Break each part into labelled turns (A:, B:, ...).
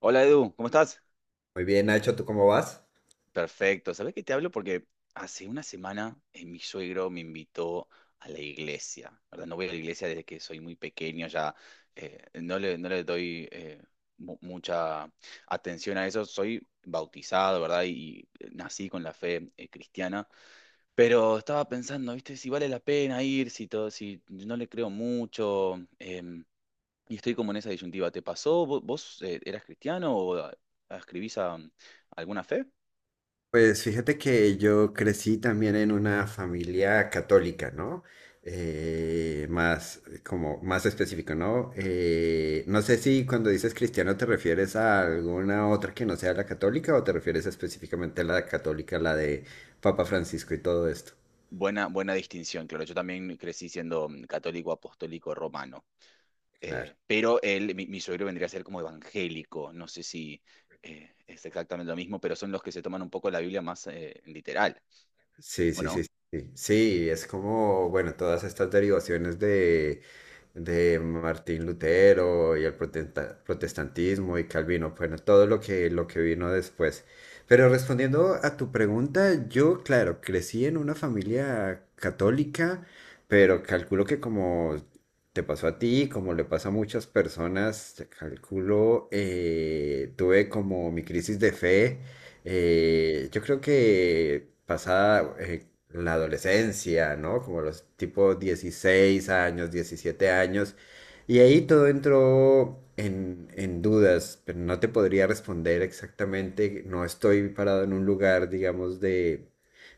A: Hola Edu, ¿cómo estás?
B: Muy bien, Nacho, ¿tú cómo vas?
A: Perfecto. ¿Sabés que te hablo? Porque hace una semana mi suegro me invitó a la iglesia, ¿verdad? No voy a la iglesia desde que soy muy pequeño, ya no le doy mucha atención a eso. Soy bautizado, ¿verdad? Y nací con la fe cristiana, pero estaba pensando, ¿viste? Si vale la pena ir, si todo, si no le creo mucho. Y estoy como en esa disyuntiva. ¿Te pasó? ¿Vos, eras cristiano o escribís a alguna fe?
B: Pues fíjate que yo crecí también en una familia católica, ¿no? Más, como más específico, ¿no? No sé si cuando dices cristiano te refieres a alguna otra que no sea la católica o te refieres específicamente a la católica, la de Papa Francisco y todo esto.
A: Buena, buena distinción, claro. Yo también crecí siendo católico, apostólico, romano.
B: Claro.
A: Pero él, mi suegro vendría a ser como evangélico. No sé si es exactamente lo mismo, pero son los que se toman un poco la Biblia más literal,
B: Sí,
A: ¿o
B: sí, sí,
A: no?
B: sí. Sí, es como, bueno, todas estas derivaciones de Martín Lutero y el protestantismo y Calvino, bueno, todo lo que, vino después. Pero respondiendo a tu pregunta, yo, claro, crecí en una familia católica, pero calculo que como te pasó a ti, como le pasa a muchas personas, calculo, tuve como mi crisis de fe
A: Ujú,
B: yo creo que pasada la adolescencia, ¿no? Como los tipo 16 años, 17 años, y ahí todo entró en dudas, pero no te podría responder exactamente, no estoy parado en un lugar, digamos, de,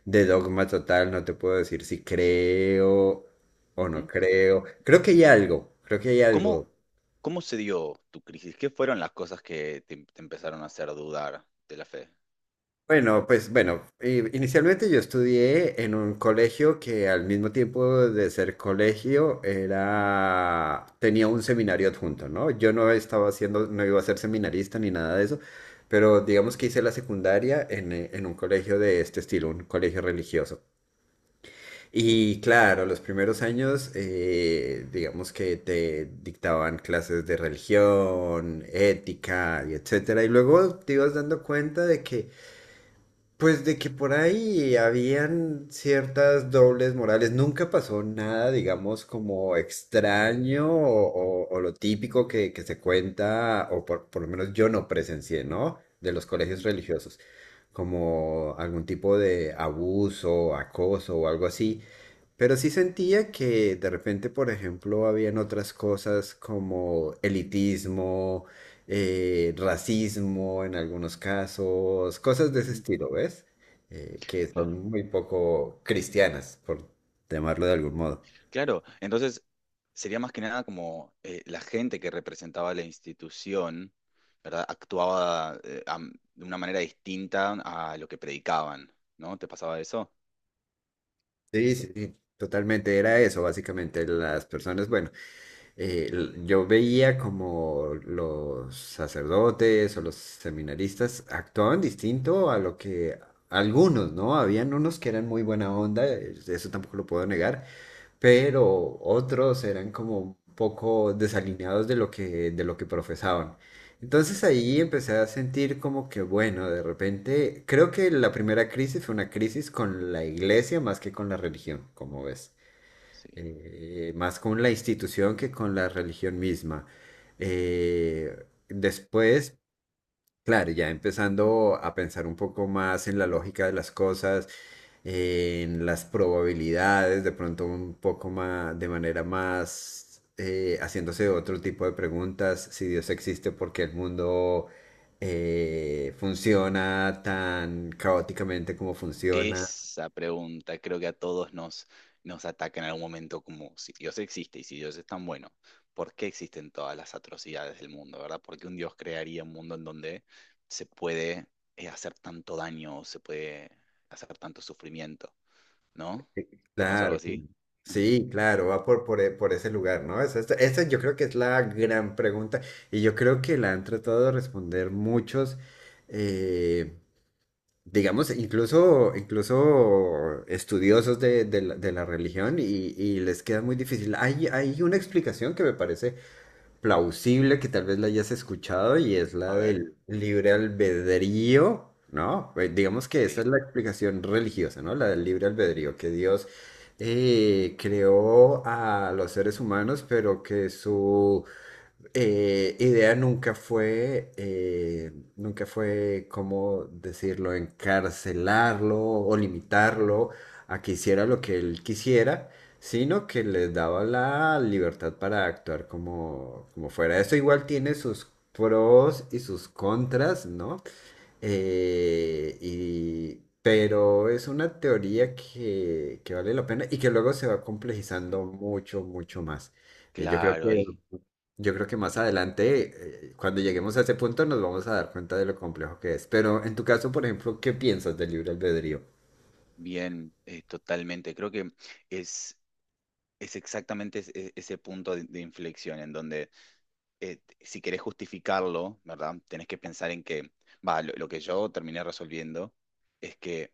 B: de dogma total, no te puedo decir si creo o no
A: ujú.
B: creo, creo que hay algo, creo que hay
A: ¿Cómo,
B: algo.
A: cómo se dio tu crisis? ¿Qué fueron las cosas que te empezaron a hacer dudar de la fe?
B: Bueno, pues bueno, inicialmente yo estudié en un colegio que al mismo tiempo de ser colegio era tenía un seminario adjunto, ¿no? Yo no estaba haciendo, no iba a ser seminarista ni nada de eso, pero digamos que hice la secundaria en un colegio de este estilo, un colegio religioso. Y claro, los primeros años, digamos que te dictaban clases de religión, ética y etcétera, y luego te ibas dando cuenta de que pues de que por ahí habían ciertas dobles morales, nunca pasó nada, digamos, como extraño o lo típico que se cuenta, o por lo menos yo no presencié, ¿no? De los colegios
A: Ujú,
B: religiosos como algún tipo de abuso, acoso o algo así. Pero sí sentía que de repente, por ejemplo, habían otras cosas como elitismo, racismo en algunos casos, cosas de ese
A: ujú,
B: estilo, ¿ves? Que
A: claro.
B: son muy poco cristianas, por llamarlo de algún modo.
A: Claro, entonces sería más que nada como la gente que representaba la institución, ¿verdad? Actuaba de una manera distinta a lo que predicaban, ¿no? ¿Te pasaba eso?
B: Sí, sí, sí, totalmente era eso, básicamente. Las personas, bueno. Yo veía como los sacerdotes o los seminaristas actuaban distinto a lo que algunos, ¿no? Habían unos que eran muy buena onda, eso tampoco lo puedo negar, pero otros eran como un poco desalineados de lo que, profesaban. Entonces ahí empecé a sentir como que, bueno, de repente, creo que la primera crisis fue una crisis con la iglesia más que con la religión, como ves
A: Sí.
B: más con la institución que con la religión misma. Eh, Después, claro, ya empezando a pensar un poco más en la lógica de las cosas, en las probabilidades, de pronto un poco más, de manera más, haciéndose otro tipo de preguntas, si Dios existe, por qué el mundo funciona tan caóticamente como funciona.
A: Esa pregunta creo que a todos nos ataca en algún momento, como si Dios existe y si Dios es tan bueno, ¿por qué existen todas las atrocidades del mundo, ¿verdad? ¿Por qué un Dios crearía un mundo en donde se puede hacer tanto daño, se puede hacer tanto sufrimiento? ¿No? ¿Te pasó algo
B: Claro, claro.
A: así? Ujú.
B: Sí, claro, va por ese lugar, ¿no? Esa yo creo que es la gran pregunta y yo creo que la han tratado de responder muchos, eh, digamos, incluso estudiosos de la religión y les queda muy difícil. Hay una explicación que me parece plausible que tal vez la hayas escuchado y es
A: A
B: la
A: ver,
B: del libre albedrío, ¿no? Digamos que esa
A: sí,
B: es la explicación religiosa, ¿no? La del libre albedrío, que Dios creó a los seres humanos, pero que su idea nunca fue, ¿cómo decirlo?, encarcelarlo o limitarlo a que hiciera lo que él quisiera, sino que les daba la libertad para actuar como fuera. Esto igual tiene sus pros y sus contras, ¿no? Eh, y, pero es una teoría que vale la pena y que luego se va
A: sí,
B: complejizando mucho, mucho más. Eh, yo creo
A: claro,
B: que
A: ahí,
B: yo creo que más adelante, cuando lleguemos a ese punto, nos vamos a dar cuenta de lo complejo que es. Pero en tu caso, por ejemplo, ¿qué piensas del libre albedrío?
A: bien, totalmente. Creo que es, es exactamente ese punto de inflexión en donde si querés justificarlo, ¿verdad? Tenés que pensar en que, va, lo que yo terminé resolviendo es que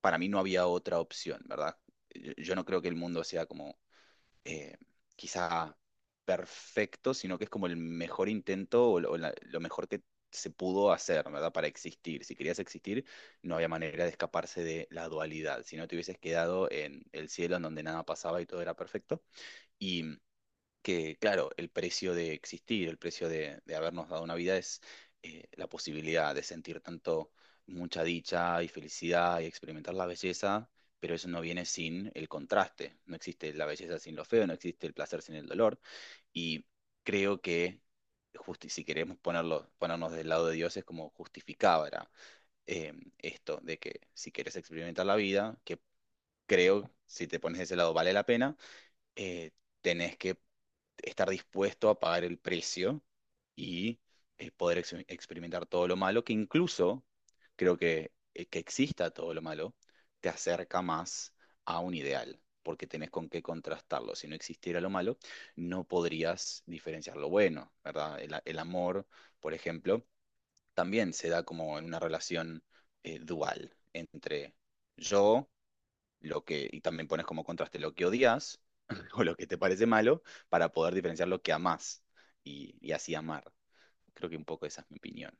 A: para mí no había otra opción, ¿verdad? Yo no creo que el mundo sea como eh, quizá perfecto, sino que es como el mejor intento o, lo, o lo mejor que se pudo hacer, ¿verdad? Para existir. Si querías existir, no había manera de escaparse de la dualidad. Si no, te hubieses quedado en el cielo en donde nada pasaba y todo era perfecto. Y que, claro, el precio de existir, el precio de habernos dado una vida es la posibilidad de sentir tanto mucha dicha y felicidad y experimentar la belleza, pero eso no viene sin el contraste. No existe la belleza sin lo feo, no existe el placer sin el dolor. Y creo que, si queremos ponerlo, ponernos del lado de Dios, es como justificaba esto de que si quieres experimentar la vida, que creo, si te pones de ese lado, vale la pena eh, tenés que estar dispuesto a pagar el precio y poder experimentar todo lo malo, que incluso creo que exista todo lo malo, te acerca más a un ideal, porque tenés con qué contrastarlo. Si no existiera lo malo, no podrías diferenciar lo bueno, ¿verdad? El amor, por ejemplo, también se da como en una relación dual entre yo lo que, y también pones como contraste lo que odias o lo que te parece malo para poder diferenciar lo que amás y así amar. Creo que un poco esa es mi opinión.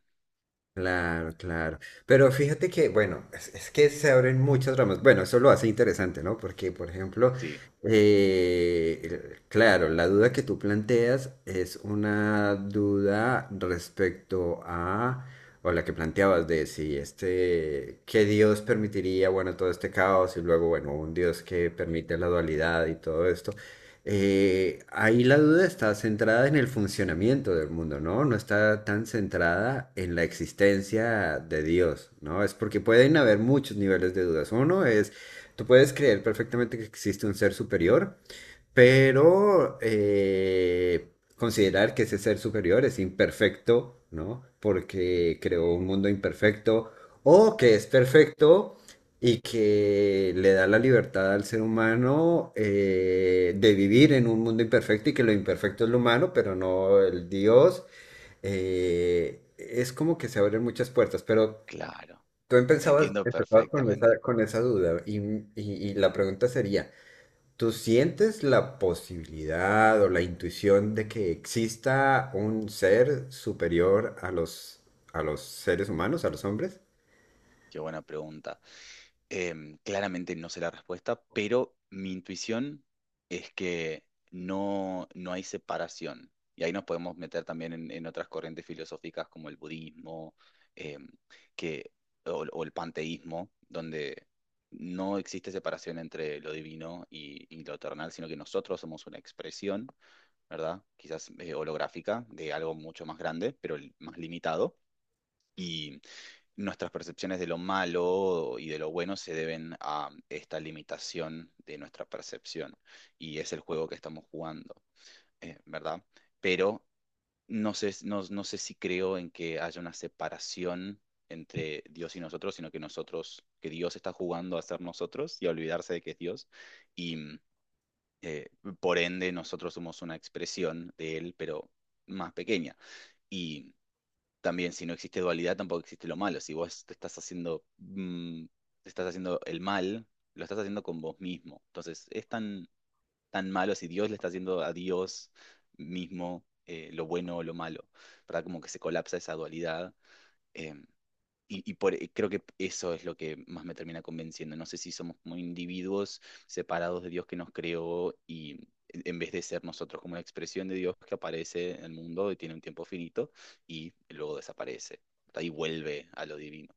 B: Claro, claro. Pero fíjate que, bueno, es que se abren muchas ramas. Bueno, eso lo hace interesante, ¿no? Porque, por ejemplo,
A: Sí,
B: claro, la duda que tú planteas es una duda respecto a, o la que planteabas de si este, que Dios permitiría, bueno, todo este caos y luego, bueno, un Dios que permite la dualidad y todo esto ahí la duda está centrada en el funcionamiento del mundo, ¿no? No está tan centrada en la existencia de Dios, ¿no? Es porque pueden haber muchos niveles de dudas. Uno es, tú puedes creer perfectamente que existe un ser superior, pero considerar que ese ser superior es imperfecto, ¿no? Porque creó un mundo imperfecto, o que es perfecto y que le da la libertad al ser humano de vivir en un mundo imperfecto y que lo imperfecto es lo humano, pero no el Dios. Es como que se abren muchas puertas, pero
A: claro,
B: tú empezabas,
A: entiendo
B: empezabas con esa,
A: perfectamente.
B: duda y la pregunta sería... ¿Tú sientes la posibilidad o la intuición de que exista un ser superior a los seres humanos, a los hombres?
A: Qué buena pregunta. Claramente no sé la respuesta, pero mi intuición es que no, no hay separación. Y ahí nos podemos meter también en otras corrientes filosóficas como el budismo, em, que, o el panteísmo, donde no existe separación entre lo divino y lo terrenal, sino que nosotros somos una expresión, ¿verdad? Quizás holográfica de algo mucho más grande, pero más limitado, nuestras percepciones de lo malo y de lo bueno se deben a esta limitación de nuestra percepción y es el juego que estamos jugando, ¿verdad? Pero no sé, no, no sé si creo en que haya una separación entre Dios y nosotros, sino que nosotros, que Dios está jugando a ser nosotros y a olvidarse de que es Dios y eh, por ende nosotros somos una expresión de Él, pero más pequeña. Y también si no existe dualidad, tampoco existe lo malo. Si vos te estás haciendo, te estás haciendo el mal, lo estás haciendo con vos mismo. Entonces, es tan, tan malo si Dios le está haciendo a Dios mismo lo bueno o lo malo, ¿verdad? Como que se colapsa esa dualidad. em, y, y por, y creo que eso es lo que más me termina convenciendo. No sé si somos como individuos separados de Dios que nos creó y en vez de ser nosotros como una expresión de Dios que aparece en el mundo y tiene un tiempo finito y luego desaparece. Ahí vuelve a lo divino.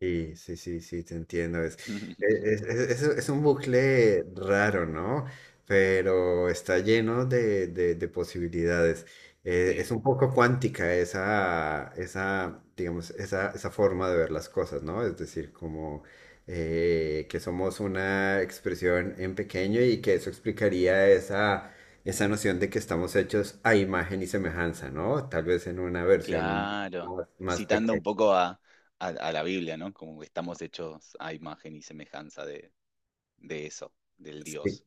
B: Sí, sí, sí, sí, te entiendo. Es, e, es, es un bucle raro, ¿no? Pero está lleno de, posibilidades. Es
A: Sí,
B: un poco cuántica digamos, esa forma de ver las cosas, ¿no? Es decir, como que somos una expresión en pequeño y que eso explicaría esa, esa noción de que estamos hechos a imagen y semejanza, ¿no? Tal vez en una versión
A: claro.
B: más, más
A: Citando un
B: pequeña.
A: poco a la Biblia, ¿no? Como que estamos hechos a imagen y semejanza de eso, del
B: Sí,
A: Dios,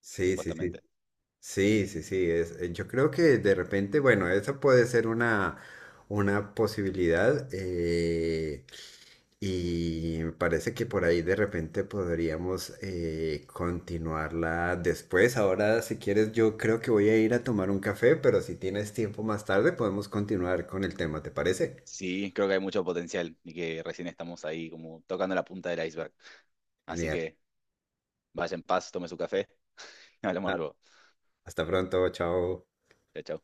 B: sí, sí, sí.
A: supuestamente.
B: Sí, sí, sí, yo creo que de repente, bueno, esa puede ser una posibilidad y me parece que por ahí de repente podríamos continuarla después. Ahora, si quieres, yo creo que voy a ir a tomar un café, pero si tienes tiempo más tarde podemos continuar con el tema, ¿te parece?
A: Sí, creo que hay mucho potencial y que recién estamos ahí como tocando la punta del iceberg. Así
B: Genial.
A: que vaya en paz, tome su café. Hablamos
B: Ah,
A: luego.
B: Hasta pronto, chao.
A: Chao, chao.